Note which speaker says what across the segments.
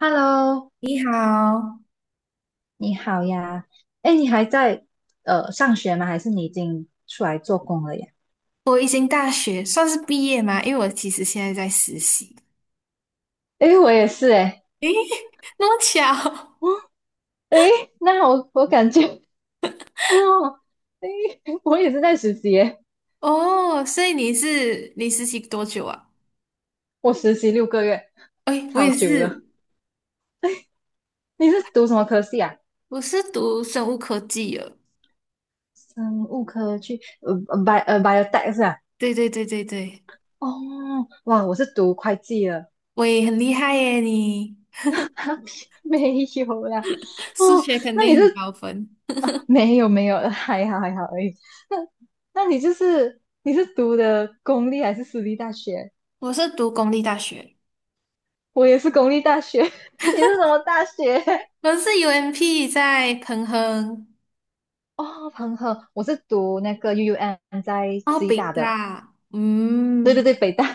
Speaker 1: Hello，
Speaker 2: 你好，
Speaker 1: 你好呀。哎，你还在上学吗？还是你已经出来做工了呀？
Speaker 2: 我已经大学算是毕业吗？因为我其实现在在实习。
Speaker 1: 哎，我也是哎。
Speaker 2: 诶，那么巧
Speaker 1: 哎，那我感觉，哦，哎，我也是在实习耶。
Speaker 2: 哦，所以你是你实习多久啊？
Speaker 1: 我实习六个月，
Speaker 2: 哎，我
Speaker 1: 超
Speaker 2: 也
Speaker 1: 久了。
Speaker 2: 是，
Speaker 1: 你是读什么科系啊？
Speaker 2: 我是读生物科技的。
Speaker 1: 生物科去bio biotech 是吧。
Speaker 2: 对对对对对，
Speaker 1: 哦，哇，我是读会计的。
Speaker 2: 我也很厉害耶！你
Speaker 1: 没有啦。
Speaker 2: 数
Speaker 1: 哦，
Speaker 2: 学肯
Speaker 1: 那
Speaker 2: 定
Speaker 1: 你
Speaker 2: 很
Speaker 1: 是？
Speaker 2: 高分。
Speaker 1: 啊，没有，还好而已。那你是读的公立还是私立大学？
Speaker 2: 我是读公立大学，
Speaker 1: 我也是公立大学，你是什么大学？
Speaker 2: 我是 UMP 在彭亨，
Speaker 1: 哦，彭亨，我是读那个 UUM 在
Speaker 2: 哦，
Speaker 1: 吉
Speaker 2: 北
Speaker 1: 大的，
Speaker 2: 大，
Speaker 1: 对对
Speaker 2: 嗯。
Speaker 1: 对，北大。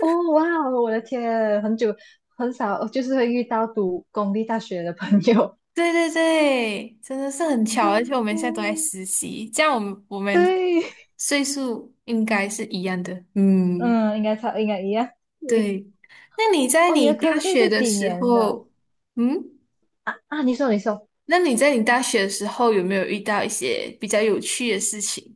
Speaker 1: 哦，哇哦我的天，很久很少，就是会遇到读公立大学的朋友。
Speaker 2: 对对对，真的是很巧，而且
Speaker 1: 嗯
Speaker 2: 我们现在都在
Speaker 1: 嗯，
Speaker 2: 实习，这样我们
Speaker 1: 对，
Speaker 2: 岁数应该是一样的。嗯，
Speaker 1: 嗯，应该差，应该一样。对，
Speaker 2: 对。那你在
Speaker 1: 哦，你
Speaker 2: 你
Speaker 1: 的
Speaker 2: 大
Speaker 1: 科系
Speaker 2: 学
Speaker 1: 是
Speaker 2: 的
Speaker 1: 几
Speaker 2: 时
Speaker 1: 年的？
Speaker 2: 候，嗯，
Speaker 1: 啊，你说，
Speaker 2: 那你在你大学的时候有没有遇到一些比较有趣的事情？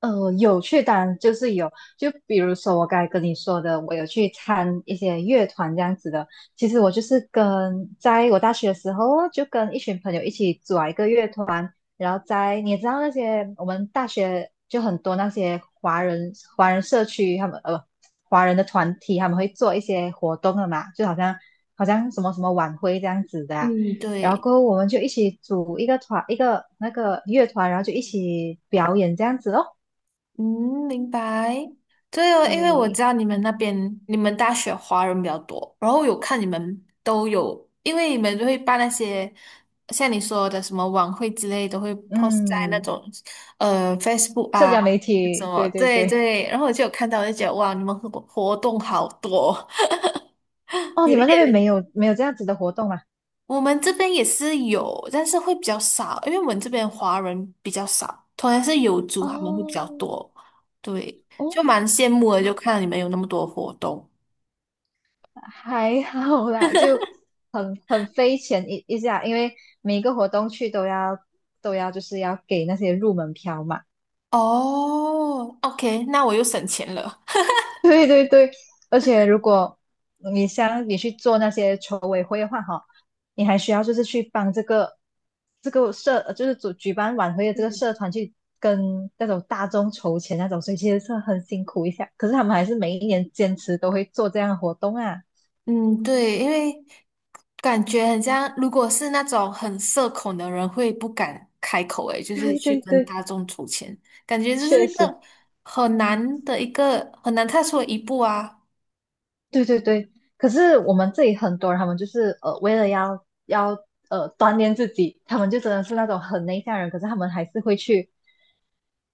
Speaker 1: 有去，当然就是有。就比如说我刚才跟你说的，我有去参一些乐团这样子的。其实我就是跟在我大学的时候哦，就跟一群朋友一起组了一个乐团。然后在你也知道那些我们大学就很多那些华人华人社区，他们华人的团体，他们会做一些活动的嘛，就好像什么什么晚会这样子的啊。
Speaker 2: 嗯，
Speaker 1: 然后
Speaker 2: 对。
Speaker 1: 过后我们就一起组一个团，一个那个乐团，然后就一起表演这样子哦。
Speaker 2: 嗯，明白。对哦，因为我知
Speaker 1: 对，
Speaker 2: 道你们那边你们大学华人比较多，然后有看你们都有，因为你们都会办那些像你说的什么晚会之类，都会 post 在那
Speaker 1: 嗯，
Speaker 2: 种Facebook
Speaker 1: 社
Speaker 2: 啊
Speaker 1: 交媒
Speaker 2: 什
Speaker 1: 体，
Speaker 2: 么，
Speaker 1: 对对
Speaker 2: 对
Speaker 1: 对。
Speaker 2: 对。然后我就有看到，我就觉得哇，你们活动好多，
Speaker 1: 哦，
Speaker 2: 有
Speaker 1: 你
Speaker 2: 一
Speaker 1: 们那边没
Speaker 2: 点。
Speaker 1: 有没有这样子的活动吗？
Speaker 2: 我们这边也是有，但是会比较少，因为我们这边华人比较少，同样是有族他们会比较多，对，就
Speaker 1: 哦，
Speaker 2: 蛮羡慕的，就看到你们有那么多活动。
Speaker 1: 还好啦，就很费钱一下，因为每一个活动去都要就是要给那些入门票嘛。
Speaker 2: 哦，OK，那我又省钱了。
Speaker 1: 对对对，而且如果你像你去做那些筹委会的话，哈，你还需要就是去帮这个社，就是主举办晚会的这个社
Speaker 2: 嗯，
Speaker 1: 团去跟那种大众筹钱那种，所以其实是很辛苦一下。可是他们还是每一年坚持都会做这样的活动啊。
Speaker 2: 嗯，对，因为感觉很像，如果是那种很社恐的人，会不敢开口，诶，就是
Speaker 1: 对
Speaker 2: 去
Speaker 1: 对
Speaker 2: 跟
Speaker 1: 对，
Speaker 2: 大众筹钱，感觉这是
Speaker 1: 确
Speaker 2: 一
Speaker 1: 实，
Speaker 2: 个很难的一个很难踏出的一步啊。
Speaker 1: 对对对。可是我们这里很多人，他们就是，为了要锻炼自己，他们就真的是那种很内向的人，可是他们还是会去。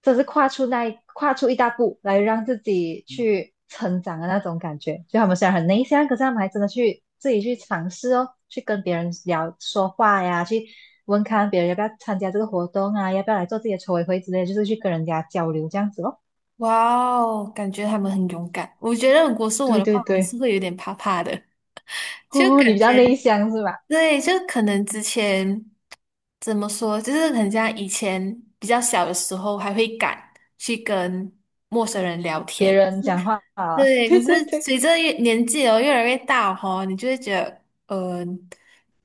Speaker 1: 这是跨出那一一大步来让自己去成长的那种感觉。就他们虽然很内向，可是他们还真的去自己去尝试哦，去跟别人聊说话呀，去问看别人要不要参加这个活动啊，要不要来做自己的筹委会之类的就是去跟人家交流这样子咯。
Speaker 2: 哇哦，感觉他们很勇敢。我觉得如果是我
Speaker 1: 对
Speaker 2: 的话，
Speaker 1: 对
Speaker 2: 我还
Speaker 1: 对，
Speaker 2: 是会有点怕怕的，就
Speaker 1: 哦，你
Speaker 2: 感
Speaker 1: 比较
Speaker 2: 觉
Speaker 1: 内向是吧？
Speaker 2: 对，就可能之前怎么说，就是很像以前比较小的时候，还会敢去跟陌生人聊
Speaker 1: 别
Speaker 2: 天，
Speaker 1: 人讲话啊，
Speaker 2: 对，
Speaker 1: 对
Speaker 2: 可是
Speaker 1: 对。
Speaker 2: 随着越年纪哦越来越大哦，你就会觉得，呃，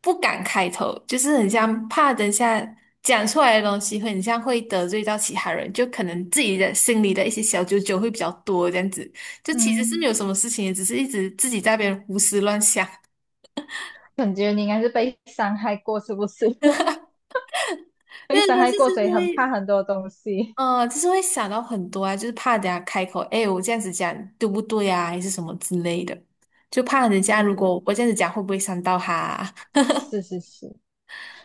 Speaker 2: 不敢开头，就是很像怕等下讲出来的东西会很像会得罪到其他人，就可能自己的心里的一些小九九会比较多这样子。就其实是没
Speaker 1: 嗯，
Speaker 2: 有什么事情，只是一直自己在那边胡思乱想。
Speaker 1: 感觉你应该是被伤害过，是不是？被
Speaker 2: 因为
Speaker 1: 伤
Speaker 2: 但
Speaker 1: 害
Speaker 2: 是就
Speaker 1: 过，所以
Speaker 2: 是
Speaker 1: 很
Speaker 2: 会，
Speaker 1: 怕很多东西。
Speaker 2: 就是会想到很多啊，就是怕等下开口，哎，我这样子讲对不对啊，还是什么之类的，就怕人
Speaker 1: 对
Speaker 2: 家如
Speaker 1: 哦，
Speaker 2: 果我这样子讲会不会伤到他啊
Speaker 1: 是是是。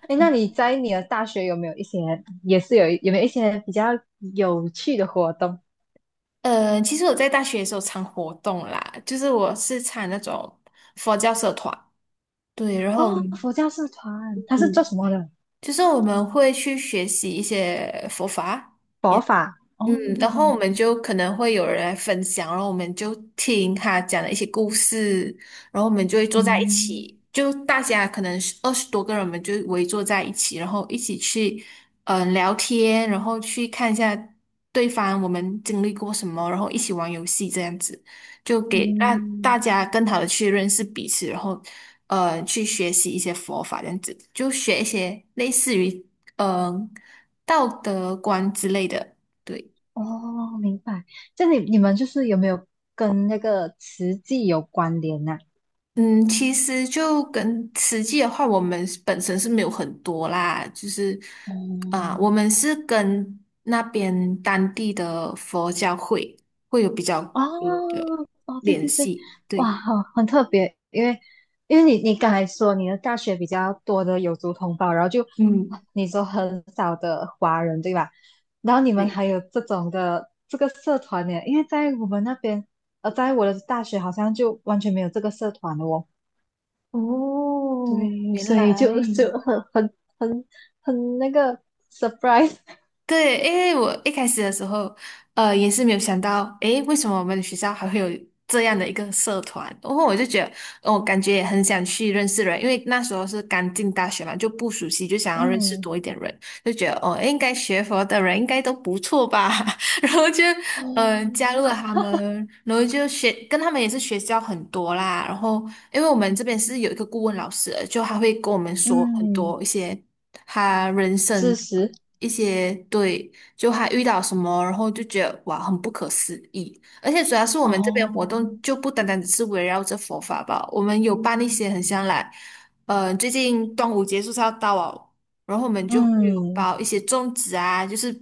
Speaker 1: 哎，那你在你的大学有没有一些，也是有有没有一些比较有趣的活动？
Speaker 2: 其实我在大学的时候常活动啦，就是我是参那种佛教社团，对，然后
Speaker 1: 哦，佛教社团，它是做
Speaker 2: 嗯，
Speaker 1: 什么的？
Speaker 2: 就是我们会去学习一些佛法，
Speaker 1: 佛法。哦，
Speaker 2: 嗯，然后我们就可能会有人来分享，然后我们就听他讲的一些故事，然后我们就会坐在一
Speaker 1: 嗯
Speaker 2: 起，就大家可能是二十多个人，我们就围坐在一起，然后一起去聊天，然后去看一下对方我们经历过什么，然后一起玩游戏这样子，就给让大
Speaker 1: 嗯，
Speaker 2: 家更好的去认识彼此，然后去学习一些佛法这样子，就学一些类似于嗯、呃道德观之类的，对。
Speaker 1: 哦，明白。这你你们就是有没有跟那个慈济有关联呢？
Speaker 2: 嗯，其实就跟实际的话，我们是本身是没有很多啦，就是啊、
Speaker 1: 哦，
Speaker 2: 我们是跟那边当地的佛教会会有比较多
Speaker 1: 哦
Speaker 2: 的
Speaker 1: 哦，对
Speaker 2: 联
Speaker 1: 对对，
Speaker 2: 系，
Speaker 1: 哇，
Speaker 2: 对，
Speaker 1: 好，很特别，因为你你刚才说你的大学比较多的有族同胞，然后就
Speaker 2: 嗯，
Speaker 1: 你说很少的华人，对吧？然后你们
Speaker 2: 对，
Speaker 1: 还有这种的这个社团呢，因为在我们那边，在我的大学好像就完全没有这个社团了哦。
Speaker 2: 哦，
Speaker 1: 对，
Speaker 2: 原
Speaker 1: 所以
Speaker 2: 来。
Speaker 1: 就很那个 surprise。
Speaker 2: 对，因为我一开始的时候，也是没有想到，诶，为什么我们的学校还会有这样的一个社团？然后我就觉得，我感觉也很想去认识人，因为那时候是刚进大学嘛，就不熟悉，就 想要认识
Speaker 1: 嗯，
Speaker 2: 多一点人，就觉得哦，诶应该学佛的人应该都不错吧，然后就
Speaker 1: 哦，
Speaker 2: 加入了他们，然后就学跟他们也是学交很多啦，然后因为我们这边是有一个顾问老师的就他会跟我们说很
Speaker 1: 嗯，
Speaker 2: 多一些他人
Speaker 1: 事
Speaker 2: 生。
Speaker 1: 实，
Speaker 2: 一些对，就还遇到什么，然后就觉得哇，很不可思议。而且主要是我们这边活
Speaker 1: 哦，
Speaker 2: 动就不单单只是围绕着佛法吧，我们有办一些很像来，最近端午节就是要到哦，然后我们就会有
Speaker 1: 嗯。
Speaker 2: 包一些粽子啊，就是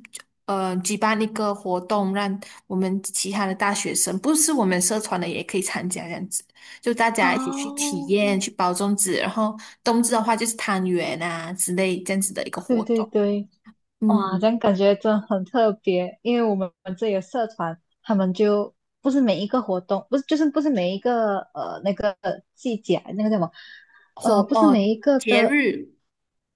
Speaker 2: 举办一个活动，让我们其他的大学生，不是我们社团的也可以参加这样子，就大家一起去体验，
Speaker 1: 哦，
Speaker 2: 去包粽子，然后冬至的话就是汤圆啊之类这样子的一个
Speaker 1: 对
Speaker 2: 活
Speaker 1: 对
Speaker 2: 动。
Speaker 1: 对，哇，
Speaker 2: 嗯，
Speaker 1: 这样感觉真的很特别，因为我们这里的社团，他们就不是每一个活动，不是每一个那个季节，那个叫什么，
Speaker 2: 活
Speaker 1: 不是
Speaker 2: 哦，
Speaker 1: 每一个
Speaker 2: 节
Speaker 1: 的
Speaker 2: 日，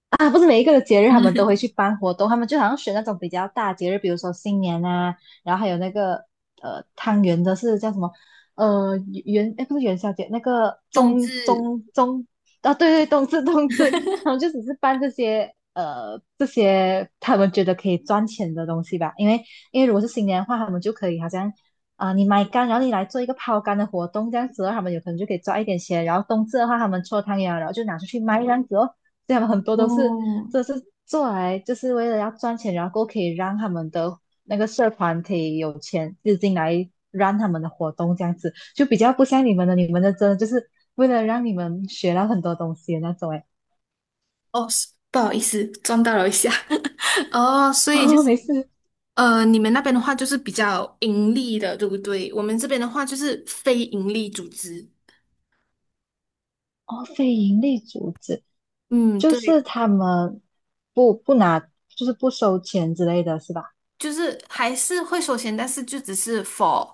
Speaker 1: 啊，不是每一个的节日他们都会去 办活动，他们就好像选那种比较大节日，比如说新年啊，然后还有那个汤圆的是叫什么？呃元哎不是元宵节，那个
Speaker 2: 冬至，
Speaker 1: 中。啊对对，冬至，他们就只是办这些这些他们觉得可以赚钱的东西吧，因为如果是新年的话，他们就可以好像。啊，你买干，然后你来做一个抛竿的活动，这样子的话他们有可能就可以赚一点钱。然后冬至的话，他们搓汤圆啊然后就拿出去卖这样子哦。这样很多都是
Speaker 2: 哦
Speaker 1: 这是做来就是为了要赚钱，然后可以让他们的那个社团可以有钱资金来让他们的活动这样子，就比较不像你们的，你们的真的就是为了让你们学到很多东西的那种哎。
Speaker 2: 哦，是不好意思，撞到了一下。哦，所以就
Speaker 1: 哦，
Speaker 2: 是
Speaker 1: 没事。
Speaker 2: 你们那边的话就是比较盈利的，对不对？我们这边的话就是非盈利组织。
Speaker 1: 哦，非盈利组织
Speaker 2: 嗯，
Speaker 1: 就
Speaker 2: 对，
Speaker 1: 是他们不拿，就是不收钱之类的是吧？
Speaker 2: 就是还是会收钱，但是就只是 for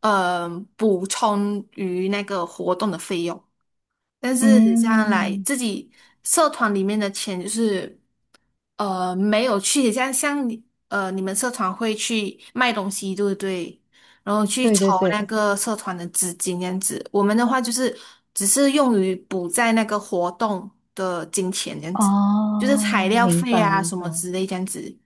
Speaker 2: 呃补充于那个活动的费用。但是这样来
Speaker 1: 嗯，
Speaker 2: 自己社团里面的钱就是。没有去，像你你们社团会去卖东西，对不对？然后去
Speaker 1: 对对
Speaker 2: 筹
Speaker 1: 对，
Speaker 2: 那个社团的资金这样子。我们的话就是只是用于补在那个活动的金钱这样子，就是
Speaker 1: 哦，
Speaker 2: 材料
Speaker 1: 明
Speaker 2: 费
Speaker 1: 白
Speaker 2: 啊
Speaker 1: 明
Speaker 2: 什么
Speaker 1: 白。
Speaker 2: 之类这样子。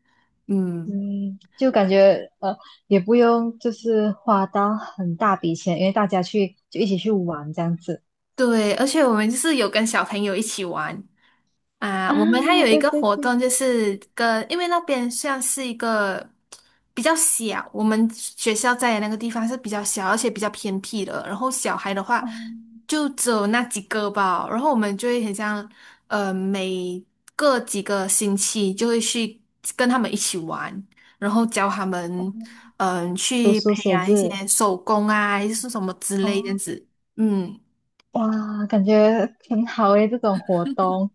Speaker 2: 嗯，
Speaker 1: 嗯，就感觉，也不用就是花到很大笔钱，因为大家去就一起去玩这样子
Speaker 2: 对，而且我们就是有跟小朋友一起玩。啊，我们还
Speaker 1: 啊，
Speaker 2: 有一
Speaker 1: 对
Speaker 2: 个
Speaker 1: 对
Speaker 2: 活
Speaker 1: 对，
Speaker 2: 动，就是跟，因为那边像是一个比较小，我们学校在的那个地方是比较小，而且比较偏僻的。然后小孩的话，
Speaker 1: 哦，
Speaker 2: 就只有那几个吧。然后我们就会很像，每个几个星期就会去跟他们一起玩，然后教他们，
Speaker 1: 读
Speaker 2: 去
Speaker 1: 书
Speaker 2: 培
Speaker 1: 写
Speaker 2: 养一些
Speaker 1: 字，
Speaker 2: 手工啊，还是什么之类这样
Speaker 1: 哦，
Speaker 2: 子。嗯
Speaker 1: 哇，感觉很好诶，这种活动，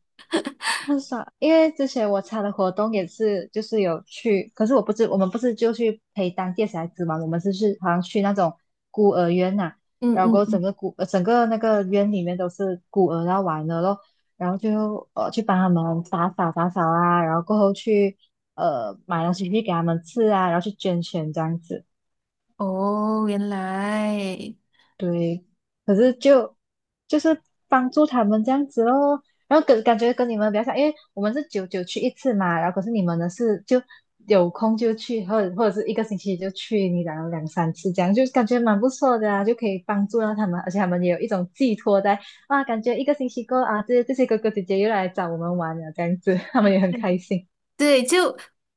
Speaker 1: 很少，因为之前我参的活动也是，就是有去，可是我不是，我们不是就去陪当地的小孩子嘛，我们是去好像去那种孤儿院呐、
Speaker 2: 嗯
Speaker 1: 然
Speaker 2: 嗯
Speaker 1: 后整
Speaker 2: 嗯，
Speaker 1: 个孤整个那个院里面都是孤儿要玩的咯，然后就去帮他们打扫啊，然后过后去买东西去给他们吃啊，然后去捐钱这样子。
Speaker 2: 哦，原来。
Speaker 1: 对，可是就就是帮助他们这样子哦，然后跟感觉跟你们比较像，因为我们是久久去一次嘛，然后可是你们呢是就有空就去，或者是一个星期就去，你然后两三次这样，就感觉蛮不错的啊，就可以帮助到他们，而且他们也有一种寄托在啊，感觉一个星期过啊，这些哥哥姐姐又来找我们玩了这样子，他们也很开心
Speaker 2: 对，就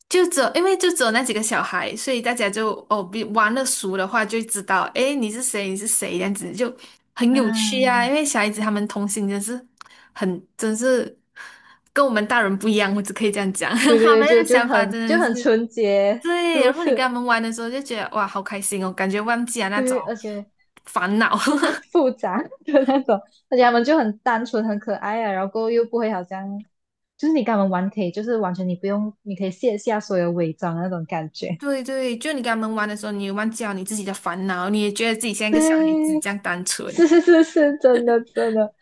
Speaker 2: 就只有因为就只有那几个小孩，所以大家就哦，比玩的熟的话就知道，诶，你是谁，你是谁，这样子就很有趣
Speaker 1: 啊，
Speaker 2: 啊。因为小孩子他们童心真是很，真是跟我们大人不一样，我只可以这样讲，
Speaker 1: 对 对
Speaker 2: 他
Speaker 1: 对，
Speaker 2: 们
Speaker 1: 就
Speaker 2: 的
Speaker 1: 就
Speaker 2: 想法
Speaker 1: 很
Speaker 2: 真
Speaker 1: 就
Speaker 2: 的是
Speaker 1: 很纯洁，是
Speaker 2: 对。
Speaker 1: 不
Speaker 2: 然后你跟
Speaker 1: 是？
Speaker 2: 他们玩的时候就觉得哇，好开心哦，感觉忘记了那种
Speaker 1: 对，而且。
Speaker 2: 烦恼。
Speaker 1: 复杂的那种，而且他们就很单纯、很可爱啊，然后又不会好像，就是你跟他们玩可以，就是完全你不用，你可以卸下所有伪装的那种感觉。
Speaker 2: 对对，就你跟他们玩的时候，你也忘记了你自己的烦恼，你也觉得自己像一个小孩子
Speaker 1: 对，
Speaker 2: 这样单纯。
Speaker 1: 是是是是，真的真的，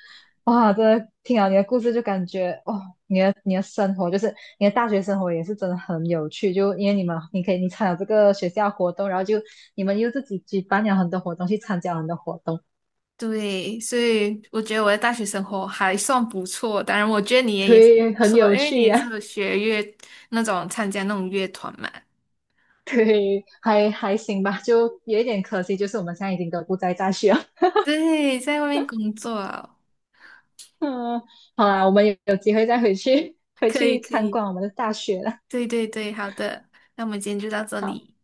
Speaker 1: 哇，真的听了你的故事就感觉，哦，你的生活就是你的大学生活也是真的很有趣，就因为你可以你参加这个学校活动，然后就你们又自己举办了很多活动，去参加很多活动，
Speaker 2: 对，所以我觉得我的大学生活还算不错。当然，我觉得你也也是
Speaker 1: 对，
Speaker 2: 不
Speaker 1: 很
Speaker 2: 错，
Speaker 1: 有
Speaker 2: 因为你
Speaker 1: 趣
Speaker 2: 也
Speaker 1: 啊。
Speaker 2: 是学乐那种参加那种乐团嘛。
Speaker 1: 对，嘿，还行吧，就有一点可惜，就是我们现在已经都不在大学了。
Speaker 2: 对，在外面工作啊
Speaker 1: 嗯，好啦，我们有机会再回去回
Speaker 2: 可以
Speaker 1: 去
Speaker 2: 可
Speaker 1: 参
Speaker 2: 以，
Speaker 1: 观我们的大学了。
Speaker 2: 对对对，好的，那我们今天就到这
Speaker 1: 好
Speaker 2: 里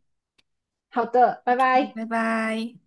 Speaker 1: 好的，拜
Speaker 2: ，OK，
Speaker 1: 拜。
Speaker 2: 拜拜。